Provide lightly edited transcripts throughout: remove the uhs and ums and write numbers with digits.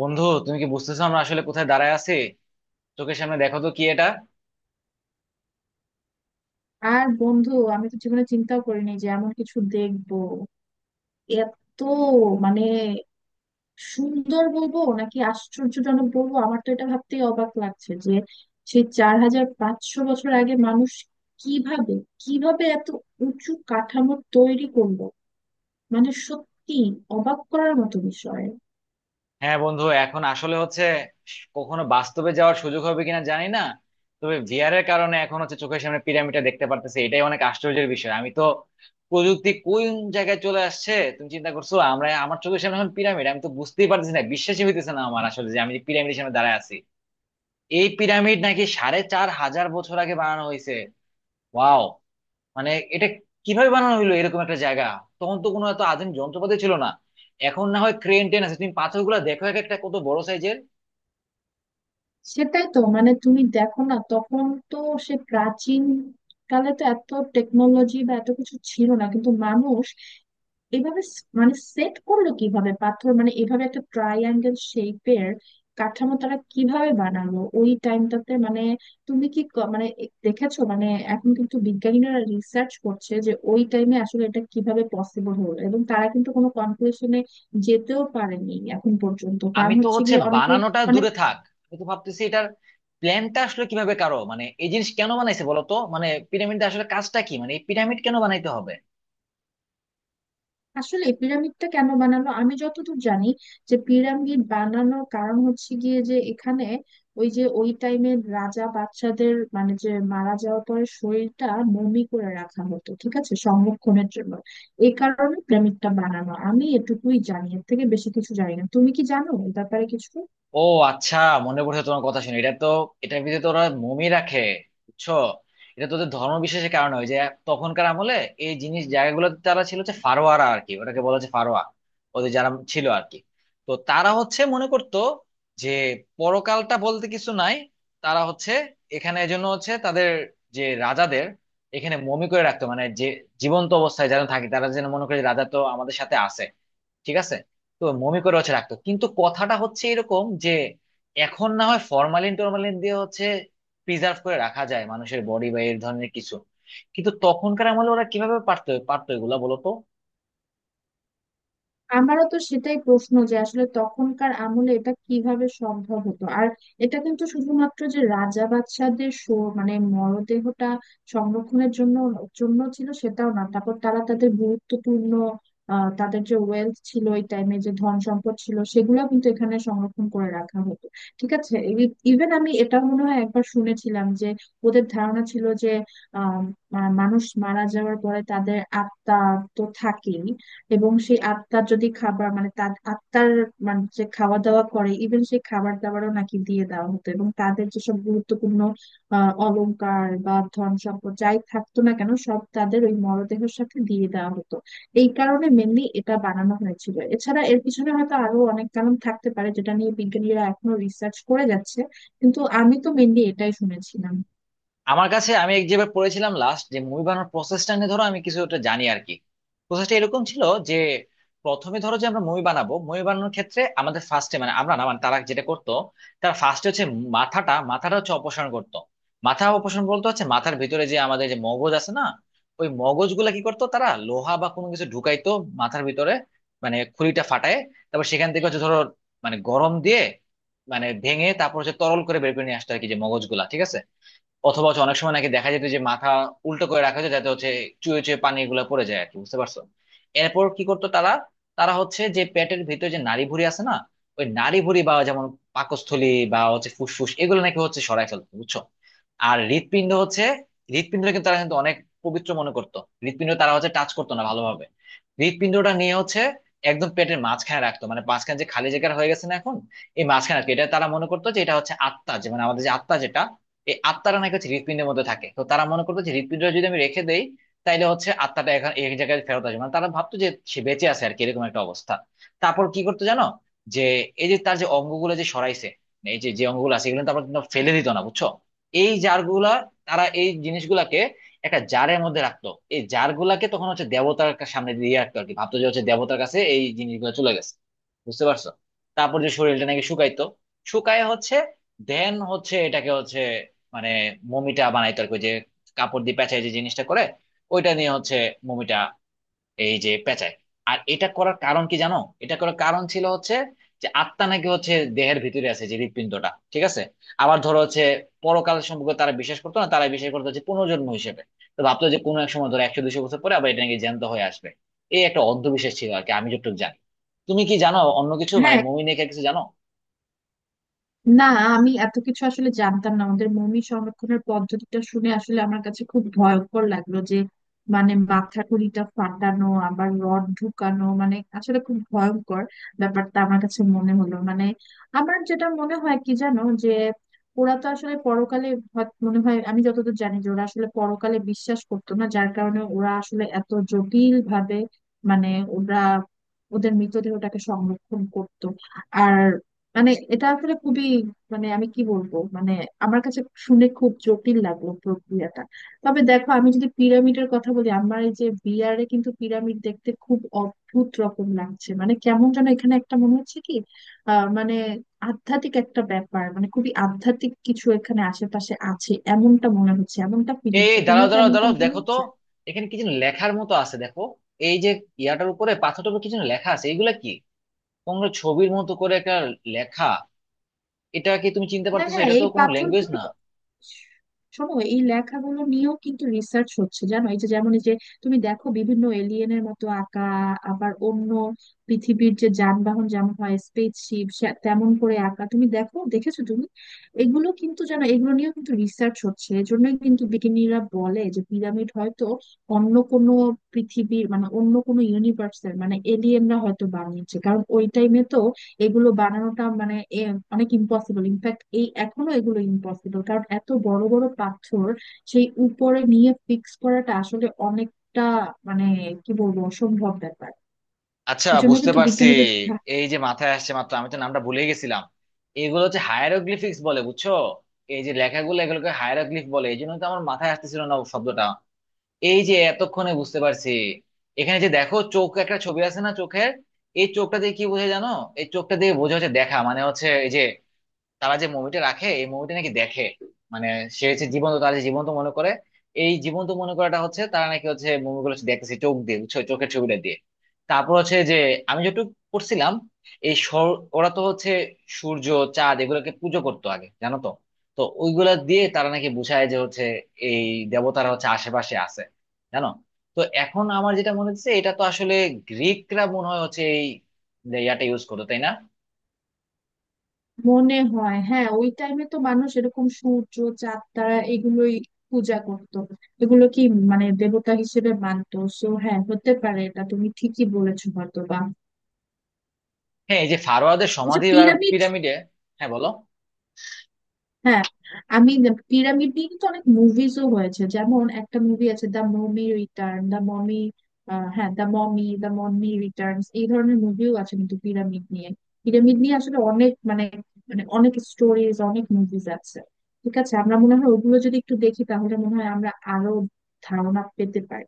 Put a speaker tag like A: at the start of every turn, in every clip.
A: বন্ধু, তুমি কি বুঝতেছো আমরা আসলে কোথায় দাঁড়ায় আছি? চোখের সামনে দেখো তো কি এটা।
B: আর বন্ধু, আমি তো জীবনে চিন্তাও করিনি যে এমন কিছু দেখবো। এত মানে সুন্দর বলবো নাকি আশ্চর্যজনক বলবো? আমার তো এটা ভাবতেই অবাক লাগছে যে সেই 4500 বছর আগে মানুষ কিভাবে কিভাবে এত উঁচু কাঠামো তৈরি করলো। মানে, সত্যি অবাক করার মতো বিষয়।
A: হ্যাঁ বন্ধু, এখন আসলে হচ্ছে কখনো বাস্তবে যাওয়ার সুযোগ হবে কিনা জানি না, তবে ভিআর এর কারণে এখন হচ্ছে চোখের সামনে পিরামিডটা দেখতে পারতেছি, এটাই অনেক আশ্চর্যের বিষয়। আমি তো, প্রযুক্তি কোন জায়গায় চলে আসছে তুমি চিন্তা করছো, আমরা আমার চোখের সামনে এখন পিরামিড, আমি তো বুঝতেই পারতেছি না, বিশ্বাসই হইতেছে না আমার আসলে যে আমি পিরামিডের সামনে দাঁড়ায় আছি। এই পিরামিড নাকি 4,500 বছর আগে বানানো হয়েছে। ওয়াও, মানে এটা কিভাবে বানানো হলো এরকম একটা জায়গা। তখন তো কোনো এত আধুনিক যন্ত্রপাতি ছিল না, এখন না হয় ক্রেন টেন আছে। তুমি পাথরগুলো দেখো, এক একটা কত বড় সাইজের।
B: সেটাই তো। মানে, তুমি দেখো না, তখন তো সে প্রাচীন কালে তো এত টেকনোলজি বা এত কিছু ছিল না, কিন্তু মানুষ এভাবে মানে সেট করলো কিভাবে পাথর, মানে এভাবে একটা ট্রাইঅ্যাঙ্গেল শেপের কাঠামো তারা কিভাবে বানালো ওই টাইমটাতে? মানে, তুমি কি মানে দেখেছো? মানে, এখন কিন্তু বিজ্ঞানীরা রিসার্চ করছে যে ওই টাইমে আসলে এটা কিভাবে পসিবল হলো, এবং তারা কিন্তু কোনো কনক্লুশনে যেতেও পারেনি এখন পর্যন্ত,
A: আমি
B: কারণ
A: তো
B: হচ্ছে
A: হচ্ছে
B: গিয়ে অনেকে
A: বানানোটা
B: মানে।
A: দূরে থাক, আমি তো ভাবতেছি এটার প্ল্যানটা আসলে কিভাবে কারো, মানে এই জিনিস কেন বানাইছে বলো তো, মানে পিরামিডটা আসলে কাজটা কি, মানে এই পিরামিড কেন বানাইতে হবে।
B: আসলে পিরামিডটা কেন বানানো, আমি যতদূর জানি যে পিরামিড বানানোর কারণ হচ্ছে গিয়ে যে এখানে ওই যে ওই টাইমের রাজা বাচ্চাদের, মানে যে মারা যাওয়ার পরে শরীরটা মমি করে রাখা হতো, ঠিক আছে, সংরক্ষণের জন্য। এই কারণে পিরামিডটা বানানো, আমি এটুকুই জানি, এর থেকে বেশি কিছু জানি না। তুমি কি জানো এই ব্যাপারে কিছু?
A: ও আচ্ছা, মনে পড়ছে তোমার কথা শুনে, এটা তো, এটার ভিতরে তো ওরা মমি রাখে, বুঝছো। এটা তো ওদের ধর্ম বিশেষের কারণে হয় যে তখনকার আমলে এই জিনিস জায়গাগুলো, তারা ছিল হচ্ছে ফারোয়ারা আর কি, ওটাকে বলা হচ্ছে ফারোয়া, ওদের যারা ছিল আর কি। তো তারা হচ্ছে মনে করতো যে পরকালটা বলতে কিছু নাই। তারা হচ্ছে এখানে এজন্য হচ্ছে তাদের যে রাজাদের এখানে মমি করে রাখতো, মানে যে জীবন্ত অবস্থায় যারা থাকে তারা যেন মনে করে যে রাজা তো আমাদের সাথে আছে, ঠিক আছে। তো মমি করে হচ্ছে রাখতো, কিন্তু কথাটা হচ্ছে এরকম যে এখন না হয় ফরমালিন টরমালিন দিয়ে হচ্ছে প্রিজার্ভ করে রাখা যায় মানুষের বডি বা এই ধরনের কিছু, কিন্তু তখনকার আমলে ওরা কিভাবে পারতো পারতো এগুলা বলতো।
B: আমারও তো সেটাই প্রশ্ন যে আসলে তখনকার আমলে এটা কিভাবে সম্ভব হতো। আর এটা কিন্তু শুধুমাত্র যে রাজা বাদশাদের মানে মরদেহটা সংরক্ষণের জন্য জন্য ছিল সেটাও না, তারপর তারা তাদের গুরুত্বপূর্ণ তাদের যে ওয়েলথ ছিল ওই টাইমে, যে ধন সম্পদ ছিল, সেগুলো কিন্তু এখানে সংরক্ষণ করে রাখা হতো, ঠিক আছে। ইভেন আমি এটা মনে হয় একবার শুনেছিলাম যে ওদের ধারণা ছিল যে আহ মানুষ মারা যাওয়ার পরে তাদের আত্মা তো থাকেই, এবং সেই আত্মার যদি খাবার, মানে তার আত্মার, মানে যে খাওয়া দাওয়া করে, ইভেন সেই খাবার দাবারও নাকি দিয়ে দেওয়া হতো, এবং তাদের যেসব গুরুত্বপূর্ণ অলংকার বা ধন সম্পদ যাই থাকতো না কেন, সব তাদের ওই মরদেহের সাথে দিয়ে দেওয়া হতো। এই কারণে মেনলি এটা বানানো হয়েছিল, এছাড়া এর পিছনে হয়তো আরো অনেক কারণ থাকতে পারে যেটা নিয়ে বিজ্ঞানীরা এখনো রিসার্চ করে যাচ্ছে, কিন্তু আমি তো মেনলি এটাই শুনেছিলাম।
A: আমার কাছে, আমি এক যেবার পড়েছিলাম লাস্ট, যে মুভি বানানোর প্রসেসটা নিয়ে, ধরো আমি কিছু একটা জানি আর কি। প্রসেসটা এরকম ছিল যে প্রথমে ধরো যে আমরা মুভি বানাবো, মুভি বানানোর ক্ষেত্রে আমাদের ফার্স্টে, মানে আমরা না, মানে তারা যেটা করতো, তারা ফার্স্টে হচ্ছে মাথাটা মাথাটা হচ্ছে অপসারণ করতো। মাথা অপসারণ বলতে হচ্ছে মাথার ভিতরে যে আমাদের যে মগজ আছে না, ওই মগজগুলা কি করতো, তারা লোহা বা কোনো কিছু ঢুকাইতো মাথার ভিতরে, মানে খুলিটা ফাটায়, তারপর সেখান থেকে হচ্ছে ধরো মানে গরম দিয়ে মানে ভেঙে তারপর হচ্ছে তরল করে বের করে নিয়ে আসতো আর কি, যে মগজগুলা, ঠিক আছে। অথবা হচ্ছে অনেক সময় নাকি দেখা যেত যে মাথা উল্টো করে রাখা হতো যাতে হচ্ছে চুয়ে চুয়ে পানি এগুলো পড়ে যায় আর কি, বুঝতে পারছো। এরপর কি করতো তারা, তারা হচ্ছে যে পেটের ভিতরে যে নাড়িভুঁড়ি আছে না, ওই নাড়িভুঁড়ি বা যেমন পাকস্থলী বা হচ্ছে ফুসফুস এগুলো নাকি হচ্ছে সরায় ফেলতো, বুঝছো। আর হৃৎপিণ্ড হচ্ছে, হৃৎপিণ্ডটা কিন্তু তারা কিন্তু অনেক পবিত্র মনে করতো। হৃৎপিণ্ড তারা হচ্ছে টাচ করতো না ভালোভাবে, হৃৎপিণ্ডটা নিয়ে হচ্ছে একদম পেটের মাঝখানে রাখতো, মানে মাঝখানে যে খালি জায়গা হয়ে গেছে না এখন, এই মাঝখানে রাখতো। এটা তারা মনে করতো যে এটা হচ্ছে আত্মা, যে মানে আমাদের যে আত্মা যেটা, এই আত্মাটা নাকি হচ্ছে হৃৎপিণ্ডের মধ্যে থাকে, তো তারা মনে করতো যে হৃৎপিণ্ডটা যদি আমি রেখে দেই, তাইলে হচ্ছে আত্মাটা এখন এক জায়গায় ফেরত আসবে, মানে তারা ভাবতো যে সে বেঁচে আছে আর কি, এরকম একটা অবস্থা। তারপর কি করতো জানো, যে এই যে তার যে অঙ্গগুলো যে সরাইছে, মানে এই যে যে অঙ্গগুলো আছে এগুলো তারপর কিন্তু ফেলে দিত না, বুঝছো। এই জারগুলা, তারা এই জিনিসগুলাকে একটা জারের মধ্যে রাখতো। এই জারগুলাকে তখন হচ্ছে দেবতার সামনে দিয়ে রাখতো আর কি, ভাবতো যে হচ্ছে দেবতার কাছে এই জিনিসগুলো চলে গেছে, বুঝতে পারছো। তারপর যে শরীরটা নাকি শুকাইতো, শুকায় হচ্ছে দেন হচ্ছে এটাকে হচ্ছে মানে মমিটা বানাইতো আর কি, ওই যে কাপড় দিয়ে পেঁচায় যে জিনিসটা করে, ওইটা নিয়ে হচ্ছে মমিটা, এই যে পেঁচায়। আর এটা করার কারণ কি জানো, এটা করার কারণ ছিল হচ্ছে যে আত্মা নাকি হচ্ছে দেহের ভিতরে আছে যে হৃৎপিণ্ডটা, ঠিক আছে। আবার ধরো হচ্ছে পরকাল সম্পর্কে তারা বিশ্বাস করতো না, তারা বিশ্বাস করতো হচ্ছে পুনর্জন্ম হিসেবে। তো ভাবতো যে কোনো এক সময় ধরো 100-200 বছর পরে আবার এটা নাকি জ্যান্ত হয়ে আসবে, এই একটা অন্ধবিশ্বাস ছিল আর কি, আমি যতটুকু জানি। তুমি কি জানো অন্য কিছু, মানে
B: হ্যাঁ।
A: মমি নিয়ে কিছু জানো?
B: না, আমি এত কিছু আসলে জানতাম না। আমাদের মমি সংরক্ষণের পদ্ধতিটা শুনে আসলে আমার কাছে খুব ভয়ঙ্কর লাগলো, যে মানে মাথা কুলিটা ফাটানো, আবার রড ঢুকানো, মানে আসলে খুব ভয়ঙ্কর ব্যাপারটা আমার কাছে মনে হলো। মানে, আমার যেটা মনে হয় কি জানো, যে ওরা তো আসলে পরকালে মনে হয়, আমি যতদূর জানি যে ওরা আসলে পরকালে বিশ্বাস করতো না, যার কারণে ওরা আসলে এত জটিল ভাবে, মানে ওরা ওদের মৃতদেহটাকে সংরক্ষণ করতো। আর মানে এটা আসলে খুবই, মানে আমি কি বলবো, মানে আমার কাছে শুনে খুব জটিল লাগলো প্রক্রিয়াটা। তবে দেখো, আমি যদি পিরামিডের কথা বলি, আমার এই যে বিয়ারে কিন্তু পিরামিড দেখতে খুব অদ্ভুত রকম লাগছে, মানে কেমন যেন এখানে একটা মনে হচ্ছে কি, মানে আধ্যাত্মিক একটা ব্যাপার, মানে খুবই আধ্যাত্মিক কিছু এখানে আশেপাশে আছে এমনটা মনে হচ্ছে, এমনটা ফিল
A: এই
B: হচ্ছে।
A: দাঁড়াও
B: তোমার কি
A: দাঁড়াও
B: এমনটা
A: দাঁড়াও,
B: মনে
A: দেখো তো
B: হচ্ছে?
A: এখানে কি যেন লেখার মতো আছে, দেখো, এই যে ইয়াটার উপরে, পাথরটার উপরে কি যেন লেখা আছে, এগুলা কি? কোনো ছবির মতো করে একটা লেখা, এটা কি তুমি চিনতে
B: হ্যাঁ,
A: পারতেছো?
B: হ্যাঁ,
A: এটা তো
B: এই
A: কোনো ল্যাঙ্গুয়েজ না।
B: পাথরগুলো। শোনো, এই লেখাগুলো নিয়েও কিন্তু রিসার্চ হচ্ছে জানো। এই যে যেমন, এই যে তুমি দেখো, বিভিন্ন এলিয়েনের মতো আঁকা, আবার অন্য পৃথিবীর যে যানবাহন যেমন হয় স্পেসশিপ, তেমন করে আঁকা। তুমি দেখো, দেখেছো তুমি? এগুলো কিন্তু জানো, এগুলো নিয়েও কিন্তু রিসার্চ হচ্ছে। এজন্যই কিন্তু বিজ্ঞানীরা বলে যে পিরামিড হয়তো অন্য কোনো পৃথিবীর, মানে অন্য কোনো ইউনিভার্সের, মানে এলিয়েনরা হয়তো বানিয়েছে, কারণ ওই টাইমে তো এগুলো বানানোটা মানে অনেক ইম্পসিবল। ইনফ্যাক্ট এই এখনো এগুলো ইম্পসিবল, কারণ এত বড় বড় পাথর সেই উপরে নিয়ে ফিক্স করাটা আসলে অনেকটা, মানে কি বলবো, অসম্ভব ব্যাপার।
A: আচ্ছা,
B: এই জন্য
A: বুঝতে
B: কিন্তু
A: পারছি,
B: বিজ্ঞানীদের
A: এই যে মাথায় আসছে মাত্র, আমি তো নামটা ভুলে গেছিলাম, এগুলো হচ্ছে হায়ারোগ্লিফিক্স বলে, বুঝছো। এই যে লেখাগুলো, এগুলোকে হায়ারোগ্লিফ বলে, এই জন্য তো আমার মাথায় আসতেছিল না শব্দটা, এই যে এতক্ষণে বুঝতে পারছি। এখানে যে দেখো চোখ একটা ছবি আছে না, চোখের, এই চোখটা দিয়ে কি বোঝায় জানো? এই চোখটা দিয়ে বোঝা হচ্ছে দেখা, মানে হচ্ছে এই যে তারা যে মুভিটা রাখে, এই মুভিটা নাকি দেখে, মানে সে হচ্ছে জীবন্ত, তারা যে জীবন্ত মনে করে, এই জীবন্ত মনে করাটা হচ্ছে তারা নাকি হচ্ছে মুভিগুলো দেখতেছে চোখ দিয়ে, বুঝছো, চোখের ছবিটা দিয়ে। তারপর হচ্ছে যে আমি যেটুকু পড়ছিলাম, এই ওরা তো হচ্ছে সূর্য চাঁদ এগুলোকে পুজো করতো আগে, জানো তো। তো ওইগুলা দিয়ে তারা নাকি বুঝায় যে হচ্ছে এই দেবতারা হচ্ছে আশেপাশে আছে, জানো। তো এখন আমার যেটা মনে হচ্ছে এটা তো আসলে গ্রিকরা মনে হয় হচ্ছে এই ইয়াটা ইউজ করতো, তাই না?
B: মনে হয়, হ্যাঁ। ওই টাইমে তো মানুষ এরকম সূর্য, চাঁদ, তারা এগুলোই পূজা করতো। এগুলো কি, মানে দেবতা হিসেবে মানতো। সো, হ্যাঁ, হতে পারে, এটা তুমি ঠিকই বলেছো, হয়তো বা।
A: হ্যাঁ, এই যে ফারোয়াদের
B: আচ্ছা,
A: সমাধি আর
B: পিরামিড।
A: পিরামিডে। হ্যাঁ বলো।
B: হ্যাঁ। আমি পিরামিড নিয়ে কিন্তু অনেক মুভিজও হয়েছে, যেমন একটা মুভি আছে The Mummy Return, The Mummy, হ্যাঁ, The Mummy, The Mummy Returns, এই ধরনের মুভিও আছে কিন্তু পিরামিড নিয়ে আসলে অনেক মানে মানে অনেক স্টোরিজ, অনেক মুভিজ আছে। ঠিক আছে, আমরা মনে হয় ওগুলো যদি একটু দেখি তাহলে মনে হয় আমরা আরো ধারণা পেতে পারি।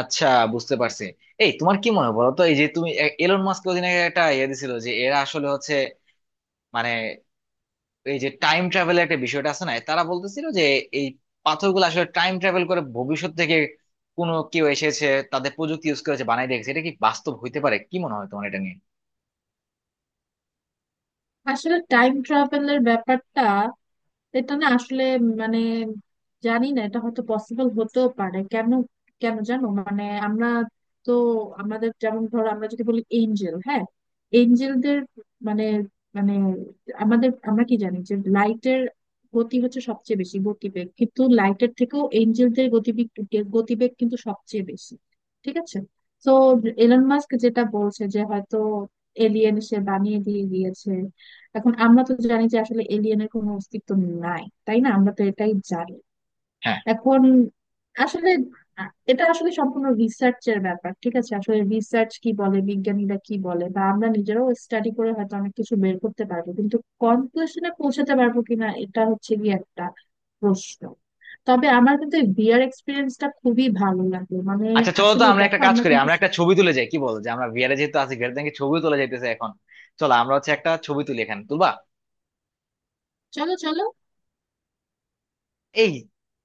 A: আচ্ছা, বুঝতে পারছি। এই তোমার কি মনে হয় বলো তো, এই যে তুমি, এলন মাস্ক ওদিন আগে একটা ইয়ে দিছিল যে এরা আসলে হচ্ছে, মানে এই যে টাইম ট্রাভেলের একটা বিষয়টা আছে না, তারা বলতেছিল যে এই পাথরগুলো আসলে টাইম ট্রাভেল করে ভবিষ্যৎ থেকে কোনো কেউ এসেছে, তাদের প্রযুক্তি ইউজ করেছে, বানাই দেখেছে, এটা কি বাস্তব হইতে পারে? কি মনে হয় তোমার এটা নিয়ে?
B: আসলে টাইম ট্রাভেলের ব্যাপারটা, এটা না আসলে মানে জানি না, এটা হয়তো পসিবল হতেও পারে। কেন কেন জানো, মানে আমরা তো আমাদের যেমন, ধরো আমরা যদি বলি এঞ্জেল, হ্যাঁ, এঞ্জেলদের মানে, মানে আমাদের আমরা কি জানি যে লাইটের গতি হচ্ছে সবচেয়ে বেশি গতিবেগ, কিন্তু লাইটের থেকেও এঞ্জেলদের গতিবেগ গতিবেগ কিন্তু সবচেয়ে বেশি, ঠিক আছে। তো এলন মাস্ক যেটা বলছে যে হয়তো এলিয়েন সে বানিয়ে দিয়ে দিয়েছে, এখন আমরা তো জানি যে আসলে এলিয়েনের কোনো অস্তিত্ব নাই, তাই না? আমরা তো এটাই জানি।
A: হ্যাঁ।
B: এখন আসলে আ- এটা আসলে সম্পূর্ণ রিসার্চের ব্যাপার, ঠিক আছে। আসলে রিসার্চ কি বলে, বিজ্ঞানীরা কি বলে, বা আমরা নিজেরাও স্টাডি করে হয়তো অনেক কিছু বের করতে পারবো, কিন্তু কনক্লুশনে পৌঁছাতে পারবো কিনা, এটা হচ্ছে গিয়ে একটা প্রশ্ন। তবে আমার কিন্তু এই বিয়ার এক্সপিরিয়েন্সটা খুবই ভালো লাগলো, মানে
A: আচ্ছা চলো তো,
B: আসলেই
A: আমরা একটা
B: দেখো
A: কাজ
B: আমরা
A: করি,
B: কিন্তু।
A: আমরা একটা ছবি তুলে যাই কি বল, যে আমরা ভিআরে যেহেতু আছি, ভিআরে থেকে ছবিও তুলে যাইতেছে এখন। চলো আমরা হচ্ছে একটা ছবি তুলি, এখানে তুলবা?
B: চলো, চলো।
A: এই,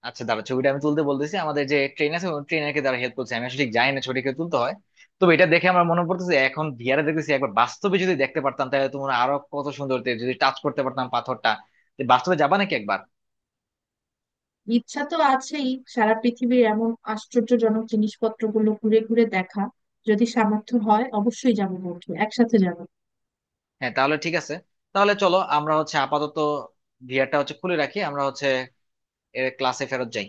A: আচ্ছা দাঁড়া, ছবিটা আমি তুলতে বলতেছি আমাদের যে ট্রেন আছে ট্রেনারকে, তারা হেল্প করছে, আমি আসলে ঠিক জানি না ছবিটাকে তুলতে হয়। তবে এটা দেখে আমার মনে পড়তেছে, এখন ভিআরে দেখতেছি, একবার বাস্তবে যদি দেখতে পারতাম, তাহলে তোমার আরো কত সুন্দর হতো। যদি টাচ করতে পারতাম পাথরটা। তো বাস্তবে যাবা নাকি একবার?
B: ইচ্ছা তো আছেই, সারা পৃথিবীর এমন আশ্চর্যজনক জিনিসপত্রগুলো ঘুরে ঘুরে দেখা, যদি সামর্থ্য হয় অবশ্যই যাব বন্ধু, একসাথে যাব।
A: হ্যাঁ তাহলে ঠিক আছে। তাহলে চলো আমরা হচ্ছে আপাতত ভিআরটা হচ্ছে খুলে রাখি, আমরা হচ্ছে ক্লাসে ফেরত যাই।